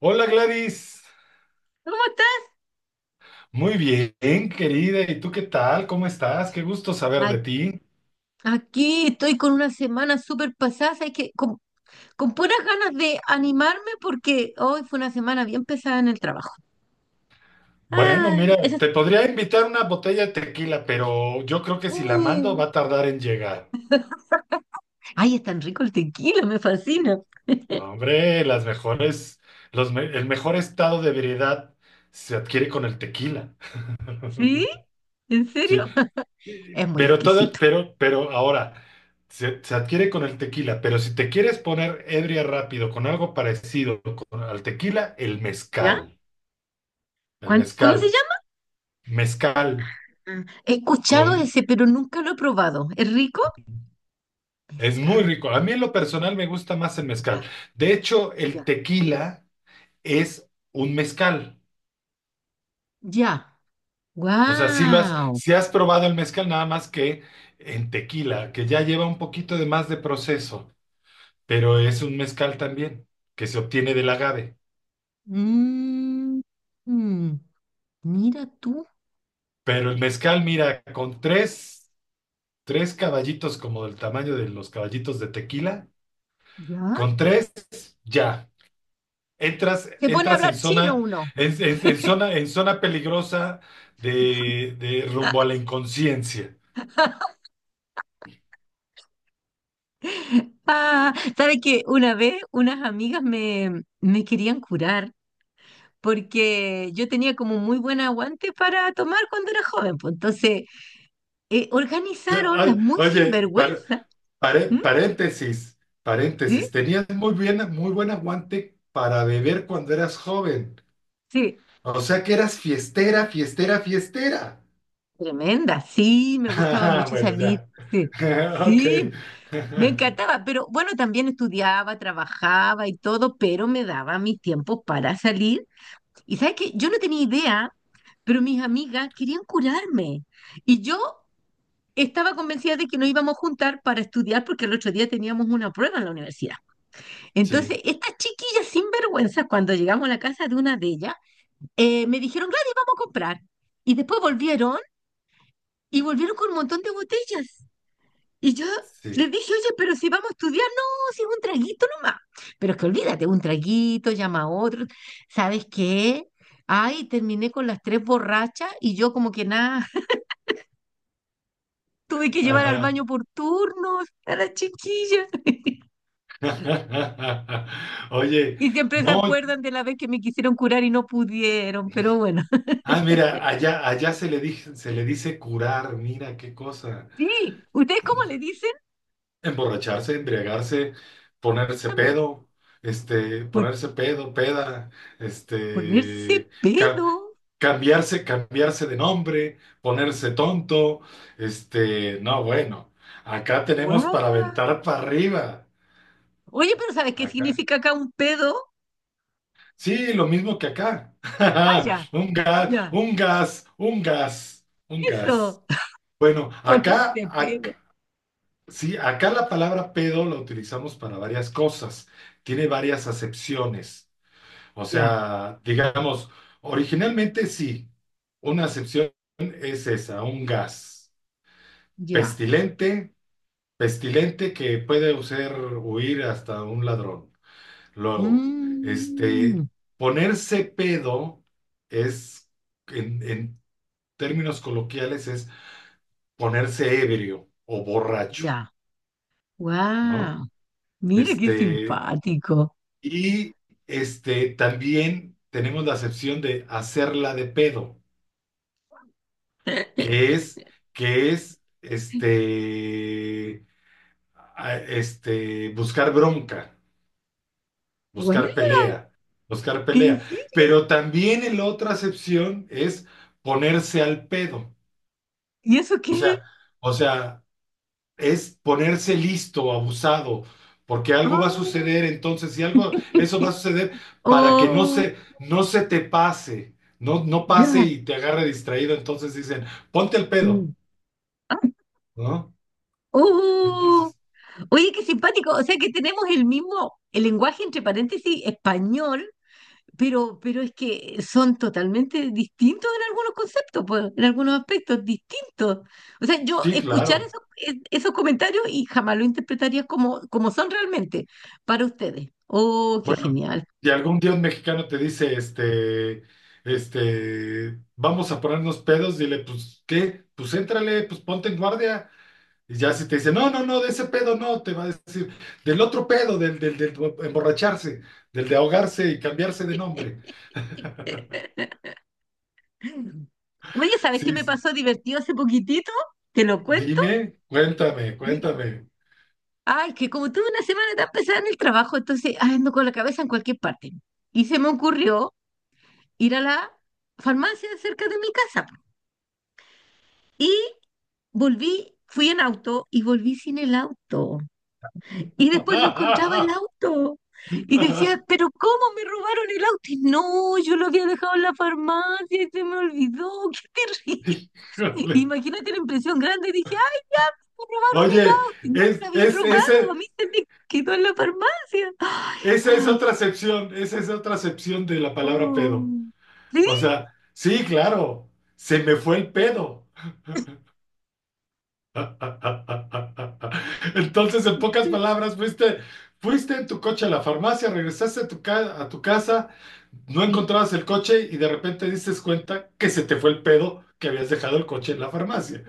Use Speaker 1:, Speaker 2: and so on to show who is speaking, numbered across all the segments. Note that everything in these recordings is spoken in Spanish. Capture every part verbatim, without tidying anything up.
Speaker 1: Hola Gladys,
Speaker 2: ¿Cómo estás?
Speaker 1: muy bien querida, ¿y tú qué tal? ¿Cómo estás? Qué gusto saber
Speaker 2: A-
Speaker 1: de ti.
Speaker 2: Aquí estoy con una semana súper pasada, es que con, con puras ganas de animarme porque hoy fue una semana bien pesada en el trabajo.
Speaker 1: Bueno,
Speaker 2: Ay, eso
Speaker 1: mira,
Speaker 2: es...
Speaker 1: te podría invitar una botella de tequila, pero yo creo que si la mando
Speaker 2: uh.
Speaker 1: va a tardar en llegar.
Speaker 2: Ay, es tan rico el tequila, me fascina.
Speaker 1: No, hombre, las mejores, los me- el mejor estado de ebriedad se adquiere con el tequila.
Speaker 2: ¿Sí? ¿En
Speaker 1: Sí,
Speaker 2: serio?
Speaker 1: y-
Speaker 2: Es muy
Speaker 1: pero todo,
Speaker 2: exquisito.
Speaker 1: pero, pero ahora se, se adquiere con el tequila, pero si te quieres poner ebria rápido con algo parecido con- al tequila, el
Speaker 2: ¿Ya?
Speaker 1: mezcal. El
Speaker 2: ¿Cuán- ¿Cómo se
Speaker 1: mezcal.
Speaker 2: llama?
Speaker 1: Mezcal
Speaker 2: Ah, he escuchado
Speaker 1: con.
Speaker 2: ese, pero nunca lo he probado. ¿Es rico?
Speaker 1: Es muy
Speaker 2: Mezcal.
Speaker 1: rico. A mí en lo personal me gusta más el mezcal.
Speaker 2: Ya,
Speaker 1: De hecho, el
Speaker 2: ya,
Speaker 1: tequila es un mezcal.
Speaker 2: ya.
Speaker 1: O sea, si lo has,
Speaker 2: ¡Wow!
Speaker 1: si has probado el mezcal, nada más que en tequila, que ya lleva un poquito de más de proceso, pero es un mezcal también, que se obtiene del agave.
Speaker 2: Mmm. Mira tú,
Speaker 1: Pero el mezcal, mira, con tres, tres caballitos como del tamaño de los caballitos de tequila,
Speaker 2: ¿ya?
Speaker 1: con tres, ya. Entras,
Speaker 2: Se pone a
Speaker 1: entras en
Speaker 2: hablar chino
Speaker 1: zona,
Speaker 2: uno.
Speaker 1: en, en- en zona, en zona peligrosa de, de rumbo a la inconsciencia.
Speaker 2: Ah, ¿sabes qué? Una vez unas amigas me, me querían curar porque yo tenía como muy buen aguante para tomar cuando era joven. Pues, entonces, eh,
Speaker 1: Ya,
Speaker 2: organizaron las
Speaker 1: ay,
Speaker 2: muy
Speaker 1: oye, par-
Speaker 2: sinvergüenza.
Speaker 1: pare-
Speaker 2: ¿M?
Speaker 1: paréntesis,
Speaker 2: ¿Sí?
Speaker 1: paréntesis. Tenías muy bien, muy buen aguante para beber cuando eras joven.
Speaker 2: Sí.
Speaker 1: O sea que eras fiestera, fiestera, fiestera.
Speaker 2: Tremenda. Sí, me gustaba
Speaker 1: Ah,
Speaker 2: mucho
Speaker 1: bueno,
Speaker 2: salir.
Speaker 1: ya.
Speaker 2: Sí.
Speaker 1: Ok.
Speaker 2: Sí, me encantaba, pero bueno, también estudiaba, trabajaba y todo, pero me daba mis tiempos para salir. Y sabes que yo no tenía idea, pero mis amigas querían curarme. Y yo estaba convencida de que nos íbamos a juntar para estudiar porque el otro día teníamos una prueba en la universidad.
Speaker 1: Sí,
Speaker 2: Entonces, estas chiquillas sinvergüenzas, cuando llegamos a la casa de una de ellas, eh, me dijeron, Gladys, vamos a comprar. Y después volvieron y volvieron con un montón de botellas. Y yo
Speaker 1: sí.
Speaker 2: les dije, oye, pero si vamos a estudiar, no, si es un traguito nomás. Pero es que olvídate, un traguito, llama a otro. ¿Sabes qué? Ay, terminé con las tres borrachas y yo como que nada, tuve que llevar al
Speaker 1: Ajá.
Speaker 2: baño por turnos a la chiquilla.
Speaker 1: Oye,
Speaker 2: Y siempre se
Speaker 1: no,
Speaker 2: acuerdan de la vez que me quisieron curar y no pudieron, pero bueno.
Speaker 1: ah, mira, allá, allá se le dije- se le dice curar, mira qué cosa.
Speaker 2: Sí, ¿ustedes cómo le dicen?
Speaker 1: Emborracharse, embriagarse, ponerse
Speaker 2: También.
Speaker 1: pedo, este,
Speaker 2: Por
Speaker 1: ponerse pedo, peda,
Speaker 2: ponerse
Speaker 1: este, ca-
Speaker 2: pedo.
Speaker 1: cambiarse, cambiarse de nombre, ponerse tonto, este, no, bueno, acá tenemos
Speaker 2: ¡Guau!
Speaker 1: para aventar para arriba.
Speaker 2: Oye, pero ¿sabes qué
Speaker 1: Acá.
Speaker 2: significa acá un pedo?
Speaker 1: Sí, lo mismo que acá.
Speaker 2: Ah, ya,
Speaker 1: Un gas,
Speaker 2: ya.
Speaker 1: un gas, un gas, un gas.
Speaker 2: Eso.
Speaker 1: Bueno, acá,
Speaker 2: Ponerse pedo.
Speaker 1: ac- sí, acá la palabra pedo la utilizamos para varias cosas, tiene varias acepciones. O
Speaker 2: Ya,
Speaker 1: sea, digamos, originalmente sí, una acepción es esa, un gas
Speaker 2: ya.
Speaker 1: pestilente, pestilente que puede hacer huir hasta un ladrón. Luego,
Speaker 2: Mm,
Speaker 1: este, ponerse pedo es, en, en términos coloquiales, es ponerse ebrio o borracho,
Speaker 2: ya.
Speaker 1: ¿no?
Speaker 2: Wow. Mira qué
Speaker 1: Este,
Speaker 2: simpático.
Speaker 1: Y este, también tenemos la acepción de hacerla de pedo, que es, que es este, a- este, buscar bronca,
Speaker 2: Guau,
Speaker 1: buscar pelea, buscar
Speaker 2: ¿en
Speaker 1: pelea.
Speaker 2: serio?
Speaker 1: Pero también en la otra acepción es ponerse al pedo.
Speaker 2: ¿Y eso qué?
Speaker 1: O sea, es ponerse listo, abusado, porque algo va a
Speaker 2: Ah,
Speaker 1: suceder, entonces, si algo, eso va a suceder para que no
Speaker 2: oh,
Speaker 1: se, no se te pase, no, no pase
Speaker 2: ya.
Speaker 1: y te agarre distraído, entonces dicen, ponte el pedo,
Speaker 2: Mm. Ah,
Speaker 1: ¿no?
Speaker 2: oh.
Speaker 1: Entonces,
Speaker 2: Oye, qué simpático. O sea que tenemos el mismo, el lenguaje entre paréntesis español. Pero, pero es que son totalmente distintos en algunos conceptos, pues, en algunos aspectos, distintos. O sea, yo
Speaker 1: sí,
Speaker 2: escuchar
Speaker 1: claro.
Speaker 2: esos, e- esos comentarios y jamás lo interpretaría como, como son realmente para ustedes. Oh, qué
Speaker 1: Bueno,
Speaker 2: genial.
Speaker 1: y algún dios mexicano te dice, este, este, vamos a ponernos pedos, dile, pues, ¿qué? Pues éntrale, pues ponte en guardia. Y ya si te dice, no, no, no, de ese pedo no, te va a decir, del otro pedo, del, del, del emborracharse, del de ahogarse y cambiarse de nombre.
Speaker 2: Oye, ¿sabes qué
Speaker 1: Sí,
Speaker 2: me
Speaker 1: sí.
Speaker 2: pasó divertido hace poquitito? Te lo cuento.
Speaker 1: Dime, cuéntame,
Speaker 2: Mira,
Speaker 1: cuéntame.
Speaker 2: ay, que como tuve una semana tan pesada en el trabajo, entonces ay, ando con la cabeza en cualquier parte. Y se me ocurrió ir a la farmacia cerca de mi casa. Y volví, fui en auto y volví sin el auto. Y después no encontraba el auto. Y decía, pero ¿cómo me robaron el auto? Y no, yo lo había dejado en la farmacia y se me olvidó. ¡Qué terrible!
Speaker 1: Híjole.
Speaker 2: Imagínate la impresión grande. Dije, ¡ay, ya! Me robaron el
Speaker 1: Oye,
Speaker 2: auto. Y no me lo
Speaker 1: es,
Speaker 2: habían
Speaker 1: es,
Speaker 2: robado. A
Speaker 1: ese,
Speaker 2: mí se me quedó en la farmacia. ¡Ay,
Speaker 1: esa es
Speaker 2: ay!
Speaker 1: otra acepción, esa es otra acepción de la palabra pedo.
Speaker 2: Oh. ¿Sí?
Speaker 1: O sea, sí, claro, se me fue el pedo. Entonces, en pocas palabras, fuiste, fuiste en tu coche a la farmacia, regresaste a tu, ca- a tu casa, no
Speaker 2: Sí.
Speaker 1: encontrabas el coche y de repente dices cuenta que se te fue el pedo que habías dejado el coche en la farmacia.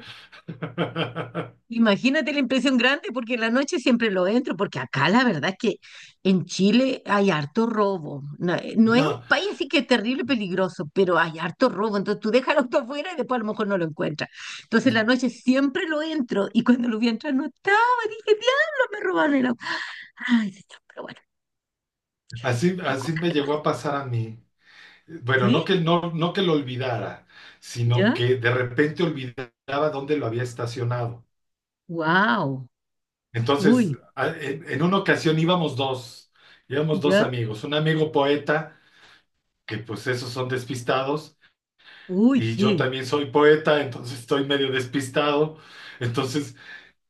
Speaker 2: Imagínate la impresión grande, porque en la noche siempre lo entro, porque acá la verdad es que en Chile hay harto robo. No, eh, no es un
Speaker 1: No,
Speaker 2: país así que es terrible peligroso, pero hay harto robo. Entonces tú dejas el auto afuera y después a lo mejor no lo encuentras. Entonces en la noche siempre lo entro y cuando lo vi entrar no estaba. Dije, diablo, me robaron el auto. Ay, señor, pero bueno,
Speaker 1: así,
Speaker 2: son
Speaker 1: así
Speaker 2: cosas
Speaker 1: me
Speaker 2: que pasan.
Speaker 1: llegó a pasar a mí. Bueno, no
Speaker 2: ¿Sí?
Speaker 1: que, no, no que lo olvidara, sino
Speaker 2: ¿Ya?
Speaker 1: que de repente olvidaba dónde lo había estacionado.
Speaker 2: ¡Wow!
Speaker 1: Entonces,
Speaker 2: Uy,
Speaker 1: a- en en una ocasión íbamos dos, íbamos dos
Speaker 2: ¿ya?
Speaker 1: amigos, un amigo poeta que pues esos son despistados
Speaker 2: Uy,
Speaker 1: y yo
Speaker 2: sí,
Speaker 1: también soy poeta, entonces estoy medio despistado. Entonces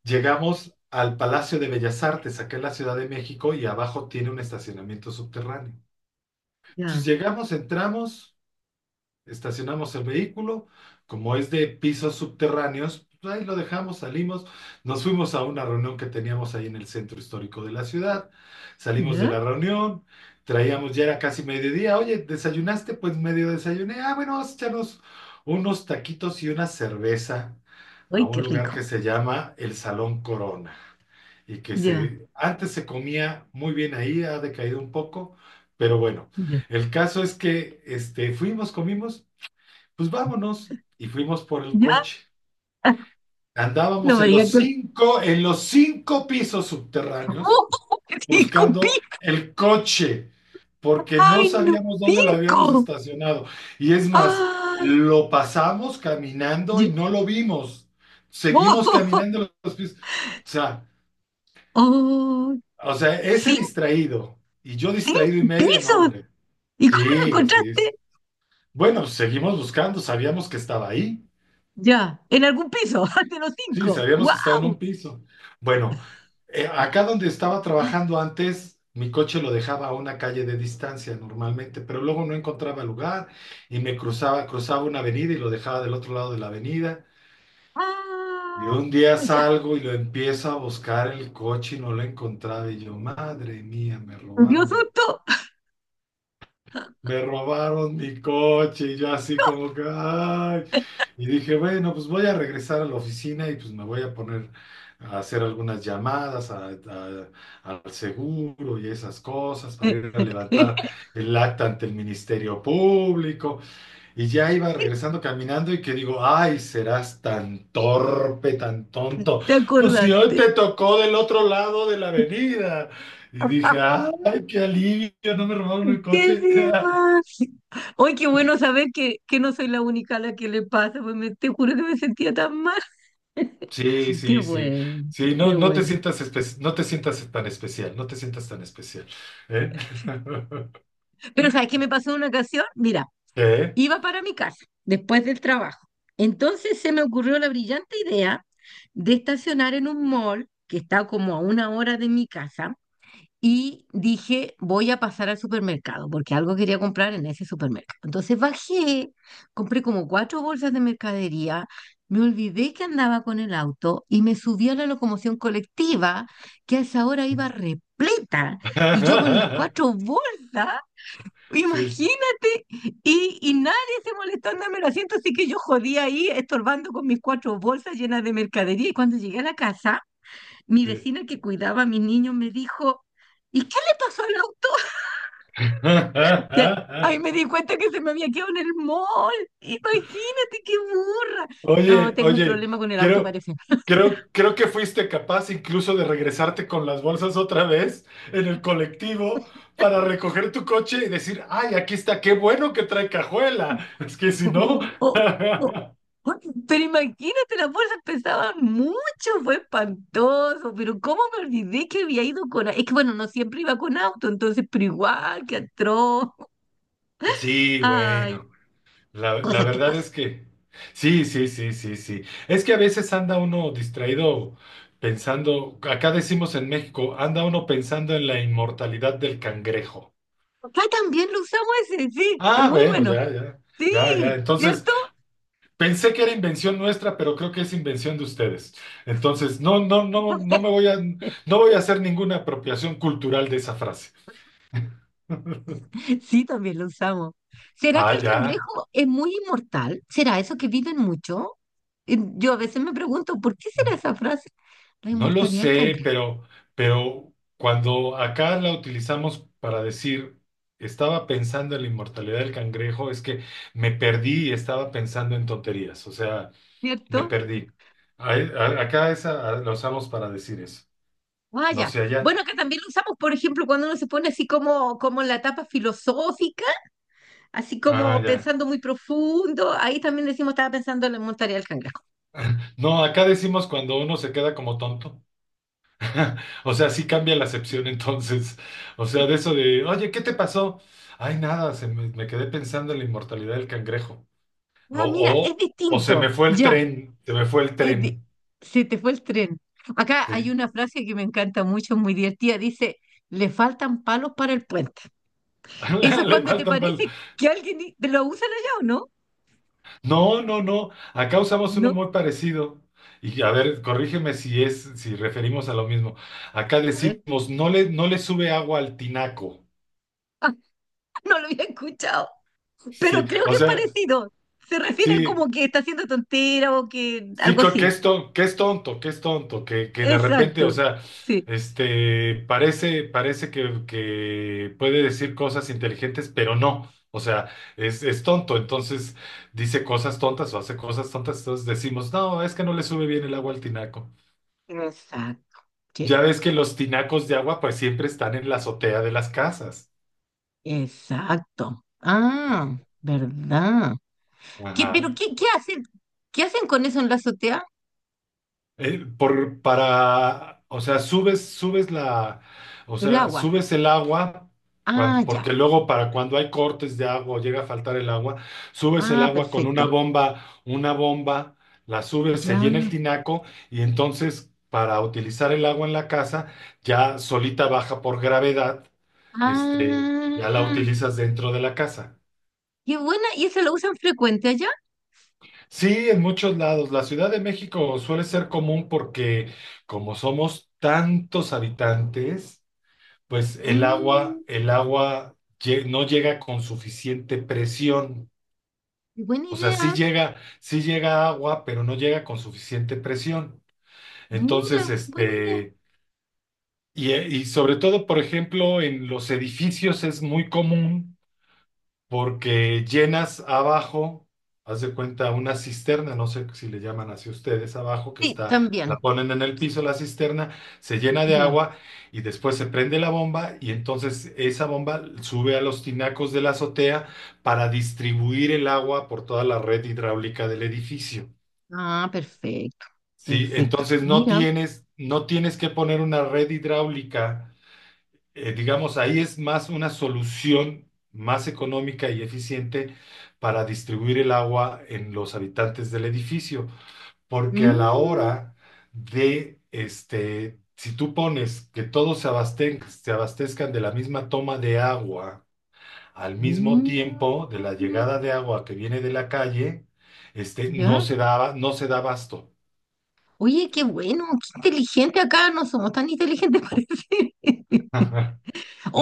Speaker 1: llegamos al Palacio de Bellas Artes, acá en la Ciudad de México, y abajo tiene un estacionamiento subterráneo. Entonces
Speaker 2: ya,
Speaker 1: llegamos, entramos estacionamos el vehículo, como es de pisos subterráneos, pues ahí lo dejamos, salimos, nos fuimos a una reunión que teníamos ahí en el centro histórico de la ciudad, salimos de
Speaker 2: ya.
Speaker 1: la reunión, traíamos, ya era casi mediodía, oye, ¿desayunaste? Pues medio desayuné, ah, bueno, vamos a echarnos unos taquitos y una cerveza a
Speaker 2: Ay
Speaker 1: un
Speaker 2: qué
Speaker 1: lugar que
Speaker 2: rico.
Speaker 1: se llama el Salón Corona y que
Speaker 2: Ya,
Speaker 1: se, antes se comía muy bien ahí, ha decaído un poco, pero bueno,
Speaker 2: ya,
Speaker 1: el caso es que este, fuimos, comimos pues vámonos. Y fuimos por el
Speaker 2: ya.
Speaker 1: coche.
Speaker 2: No
Speaker 1: Andábamos
Speaker 2: me
Speaker 1: en
Speaker 2: digas
Speaker 1: los
Speaker 2: que...
Speaker 1: cinco, en los cinco pisos subterráneos
Speaker 2: ¡Oh! ¡Cinco pi!
Speaker 1: buscando el coche, porque
Speaker 2: ¡Ay,
Speaker 1: no
Speaker 2: no!
Speaker 1: sabíamos dónde lo habíamos
Speaker 2: ¡Cinco!
Speaker 1: estacionado. Y es más,
Speaker 2: ¡Ah!
Speaker 1: lo pasamos caminando y
Speaker 2: Ya-
Speaker 1: no lo vimos. Seguimos
Speaker 2: ¡Oh!
Speaker 1: caminando los pisos. O sea,
Speaker 2: ¡Oh!
Speaker 1: o sea, ese
Speaker 2: Cinco.
Speaker 1: distraído y yo distraído y
Speaker 2: ¡Cinco
Speaker 1: medio, no,
Speaker 2: pisos!
Speaker 1: hombre.
Speaker 2: ¿Y cómo lo
Speaker 1: Sí, sí, sí.
Speaker 2: encontraste?
Speaker 1: Bueno, seguimos buscando, sabíamos que estaba ahí.
Speaker 2: Ya, en algún piso, de los
Speaker 1: Sí,
Speaker 2: cinco.
Speaker 1: sabíamos que estaba en un
Speaker 2: ¡Wow!
Speaker 1: piso. Bueno, eh, acá donde estaba trabajando antes, mi coche lo dejaba a una calle de distancia normalmente, pero luego no encontraba lugar y me cruzaba, cruzaba una avenida y lo dejaba del otro lado de la avenida. Y
Speaker 2: ¡Ah!
Speaker 1: un día
Speaker 2: Ya,
Speaker 1: salgo y lo empiezo a buscar el coche y no lo encontraba. Y yo, madre mía, me
Speaker 2: me dio
Speaker 1: robaron.
Speaker 2: susto.
Speaker 1: Me robaron mi coche y yo así como que, ay. Y dije, bueno, pues voy a regresar a la oficina y pues me voy a poner a hacer algunas llamadas a- a- al seguro y esas cosas para ir a levantar el acta ante el Ministerio Público. Y ya iba regresando caminando y que digo, ay, serás tan torpe, tan tonto.
Speaker 2: Te
Speaker 1: Pues si hoy
Speaker 2: acordaste.
Speaker 1: te tocó del otro lado de la avenida. Y dije, ay, qué alivio, no me robaron el
Speaker 2: ¡Qué
Speaker 1: coche.
Speaker 2: demás! ¡Ay, qué bueno saber que, que no soy la única a la que le pasa! Pues me- te juro que me sentía tan mal.
Speaker 1: Sí,
Speaker 2: ¡Qué
Speaker 1: sí, sí.
Speaker 2: bueno!
Speaker 1: Sí,
Speaker 2: ¡Qué
Speaker 1: no no te
Speaker 2: bueno!
Speaker 1: sientas espe- no te sientas tan especial, no te sientas tan especial. ¿Eh?
Speaker 2: Pero ¿sabes qué me pasó en una ocasión? Mira,
Speaker 1: ¿Qué?
Speaker 2: iba para mi casa después del trabajo. Entonces se me ocurrió la brillante idea de estacionar en un mall que está como a una hora de mi casa. Y dije, voy a pasar al supermercado, porque algo quería comprar en ese supermercado. Entonces bajé, compré como cuatro bolsas de mercadería, me olvidé que andaba con el auto y me subí a la locomoción colectiva, que a esa hora iba repleta, y yo con las cuatro bolsas,
Speaker 1: Sí,
Speaker 2: imagínate, y, y nadie se molestó en darme el asiento, así que yo jodía ahí estorbando con mis cuatro bolsas llenas de mercadería. Y cuando llegué a la casa mi
Speaker 1: sí.
Speaker 2: vecina que cuidaba a mi niño me dijo, ¿y qué le pasó al auto? Ya, ahí ahí me di cuenta que se me había quedado en el mall. Imagínate qué burra. No,
Speaker 1: Oye,
Speaker 2: tengo un
Speaker 1: oye,
Speaker 2: problema con el auto,
Speaker 1: creo,
Speaker 2: parece.
Speaker 1: creo, creo que fuiste capaz incluso de regresarte con las bolsas otra vez en el colectivo para recoger tu coche y decir, ay, aquí está, qué bueno que trae cajuela. Es que si no.
Speaker 2: Pero imagínate, las bolsas pesaban mucho, fue espantoso. Pero cómo me olvidé que había ido con... au- es que bueno, no siempre iba con auto, entonces, pero igual, qué atroz.
Speaker 1: Sí,
Speaker 2: Ay,
Speaker 1: bueno. La, la
Speaker 2: cosas que
Speaker 1: verdad
Speaker 2: pasan.
Speaker 1: es que sí, sí, sí, sí, sí. Es que a veces anda uno distraído pensando, acá decimos en México, anda uno pensando en la inmortalidad del cangrejo.
Speaker 2: Acá también lo usamos ese, sí, es
Speaker 1: Ah,
Speaker 2: muy
Speaker 1: bueno,
Speaker 2: bueno.
Speaker 1: ya, ya, ya, ya.
Speaker 2: Sí,
Speaker 1: Entonces,
Speaker 2: ¿cierto?
Speaker 1: pensé que era invención nuestra, pero creo que es invención de ustedes. Entonces, no, no, no, no me voy a, no voy a hacer ninguna apropiación cultural de esa frase.
Speaker 2: Sí, también lo usamos. ¿Será
Speaker 1: Ah,
Speaker 2: que el
Speaker 1: ya.
Speaker 2: cangrejo es muy inmortal? ¿Será eso que viven mucho? Eh, Yo a veces me pregunto, ¿por qué será esa frase? La
Speaker 1: No lo
Speaker 2: inmortalidad del
Speaker 1: sé,
Speaker 2: cangrejo,
Speaker 1: pero, pero cuando acá la utilizamos para decir, estaba pensando en la inmortalidad del cangrejo, es que me perdí y estaba pensando en tonterías, o sea, me
Speaker 2: ¿cierto?
Speaker 1: perdí. Ahí- a- Acá esa a- la usamos para decir eso, no
Speaker 2: Vaya.
Speaker 1: sé allá.
Speaker 2: Bueno, que también lo usamos, por ejemplo, cuando uno se pone así como, como en la etapa filosófica, así
Speaker 1: Ah,
Speaker 2: como
Speaker 1: ya.
Speaker 2: pensando muy profundo. Ahí también decimos, estaba pensando en la inmortalidad del cangrejo.
Speaker 1: No, acá decimos cuando uno se queda como tonto. O sea, sí cambia la acepción entonces. O sea, de eso de, oye, ¿qué te pasó? Ay, nada, se me, me quedé pensando en la inmortalidad del cangrejo. O,
Speaker 2: Ah, mira, es
Speaker 1: o, o se me
Speaker 2: distinto.
Speaker 1: fue el
Speaker 2: Ya.
Speaker 1: tren, se me fue el
Speaker 2: Eh, di-
Speaker 1: tren.
Speaker 2: se te fue el tren. Acá hay
Speaker 1: Sí.
Speaker 2: una frase que me encanta mucho, muy divertida. Dice, le faltan palos para el puente. Eso es
Speaker 1: Le
Speaker 2: cuando te
Speaker 1: falta el pal-
Speaker 2: parece que alguien i- te lo usan allá o no.
Speaker 1: No, no, no. Acá usamos uno
Speaker 2: No,
Speaker 1: muy parecido. Y a ver, corrígeme si es, si referimos a lo mismo. Acá
Speaker 2: a ver,
Speaker 1: decimos, no le, no le sube agua al tinaco.
Speaker 2: no lo había escuchado,
Speaker 1: Sí,
Speaker 2: pero creo
Speaker 1: o
Speaker 2: que es
Speaker 1: sea,
Speaker 2: parecido. Se refiere a
Speaker 1: sí,
Speaker 2: como que está haciendo tontera o que
Speaker 1: sí,
Speaker 2: algo
Speaker 1: co- que
Speaker 2: así.
Speaker 1: es tonto, que es tonto, que es tonto, que, que de repente, o
Speaker 2: Exacto,
Speaker 1: sea,
Speaker 2: sí.
Speaker 1: este, parece, parece que, que puede decir cosas inteligentes, pero no, o sea, es, es tonto, entonces dice cosas tontas o hace cosas tontas, entonces decimos, no, es que no le sube bien el agua al tinaco.
Speaker 2: Exacto. Sí.
Speaker 1: Ya ves que los tinacos de agua pues siempre están en la azotea de las casas.
Speaker 2: Exacto. Ah, ¿verdad? ¿Qué, pero
Speaker 1: Ajá.
Speaker 2: qué, qué hacen? ¿Qué hacen con eso en la azotea?
Speaker 1: eh, por, para, o sea, subes, subes la, o
Speaker 2: El
Speaker 1: sea,
Speaker 2: agua.
Speaker 1: subes el agua, cuan-
Speaker 2: Ah,
Speaker 1: porque
Speaker 2: ya.
Speaker 1: luego para cuando hay cortes de agua o llega a faltar el agua, subes el
Speaker 2: Ah,
Speaker 1: agua con una
Speaker 2: perfecto.
Speaker 1: bomba, una bomba, la subes, se
Speaker 2: Ya.
Speaker 1: llena el tinaco y entonces para utilizar el agua en la casa, ya solita baja por gravedad, este, ya la
Speaker 2: Ah,
Speaker 1: utilizas dentro de la casa.
Speaker 2: qué buena. ¿Y eso lo usan frecuente allá?
Speaker 1: Sí, en muchos lados. La Ciudad de México suele ser común porque como somos tantos habitantes, pues el
Speaker 2: Mm,
Speaker 1: agua, el agua lle- no llega con suficiente presión.
Speaker 2: buena
Speaker 1: O sea, sí
Speaker 2: idea.
Speaker 1: llega, sí llega agua, pero no llega con suficiente presión. Entonces,
Speaker 2: Mira, buena idea.
Speaker 1: este, y, eh, y sobre todo, por ejemplo, en los edificios es muy común porque llenas abajo, haz de cuenta, una cisterna, no sé si le llaman así ustedes, abajo que
Speaker 2: Sí,
Speaker 1: está, la
Speaker 2: también.
Speaker 1: ponen en el piso la cisterna, se llena de
Speaker 2: Ya.
Speaker 1: agua y después se prende la bomba y entonces esa bomba sube a los tinacos de la azotea para distribuir el agua por toda la red hidráulica del edificio.
Speaker 2: Ah, perfecto.
Speaker 1: Sí,
Speaker 2: Perfecto.
Speaker 1: entonces no
Speaker 2: Mira.
Speaker 1: tienes, no tienes que poner una red hidráulica eh, digamos, ahí es más una solución más económica y eficiente para distribuir el agua en los habitantes del edificio, porque a la
Speaker 2: Mm,
Speaker 1: hora de, este, si tú pones que todos se abasten- se abastezcan de la misma toma de agua al mismo
Speaker 2: mm,
Speaker 1: tiempo de la llegada de agua que viene de la calle, este, no
Speaker 2: ya.
Speaker 1: se da, no se da abasto.
Speaker 2: Oye, qué bueno, qué inteligente acá. No somos tan inteligentes, parece.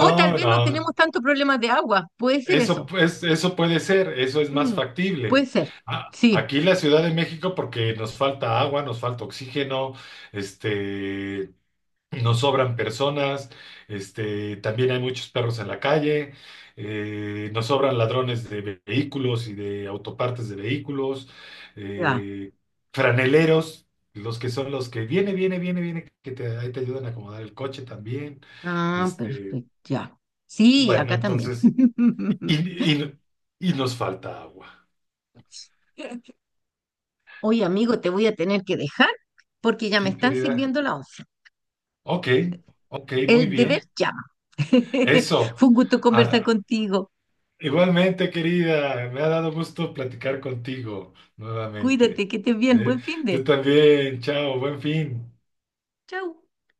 Speaker 2: O tal vez no
Speaker 1: no.
Speaker 2: tenemos tanto problemas de agua. Puede ser eso.
Speaker 1: Eso, pues, eso puede ser, eso es más
Speaker 2: Mm, puede
Speaker 1: factible.
Speaker 2: ser.
Speaker 1: A-
Speaker 2: Sí.
Speaker 1: Aquí en la Ciudad de México, porque nos falta agua, nos falta oxígeno, este, nos sobran personas, este, también hay muchos perros en la calle, eh, nos sobran ladrones de ve- vehículos y de autopartes de vehículos,
Speaker 2: Ya.
Speaker 1: eh, franeleros, los que son los que viene, viene, viene, viene, que te, ahí te ayudan a acomodar el coche también.
Speaker 2: Ah,
Speaker 1: Este,
Speaker 2: perfecto, ya. Sí,
Speaker 1: bueno,
Speaker 2: acá también.
Speaker 1: entonces. Y, y, y nos falta agua.
Speaker 2: Oye, amigo, te voy a tener que dejar porque ya me
Speaker 1: Sí,
Speaker 2: están
Speaker 1: querida.
Speaker 2: sirviendo la once.
Speaker 1: Ok, ok, muy
Speaker 2: El deber
Speaker 1: bien.
Speaker 2: llama.
Speaker 1: Eso.
Speaker 2: Fue un gusto conversar
Speaker 1: Ah,
Speaker 2: contigo.
Speaker 1: igualmente, querida, me ha dado gusto platicar contigo nuevamente.
Speaker 2: Cuídate, que estés bien.
Speaker 1: ¿Eh?
Speaker 2: Buen fin
Speaker 1: Tú
Speaker 2: de.
Speaker 1: también, chao, buen fin.
Speaker 2: Chau.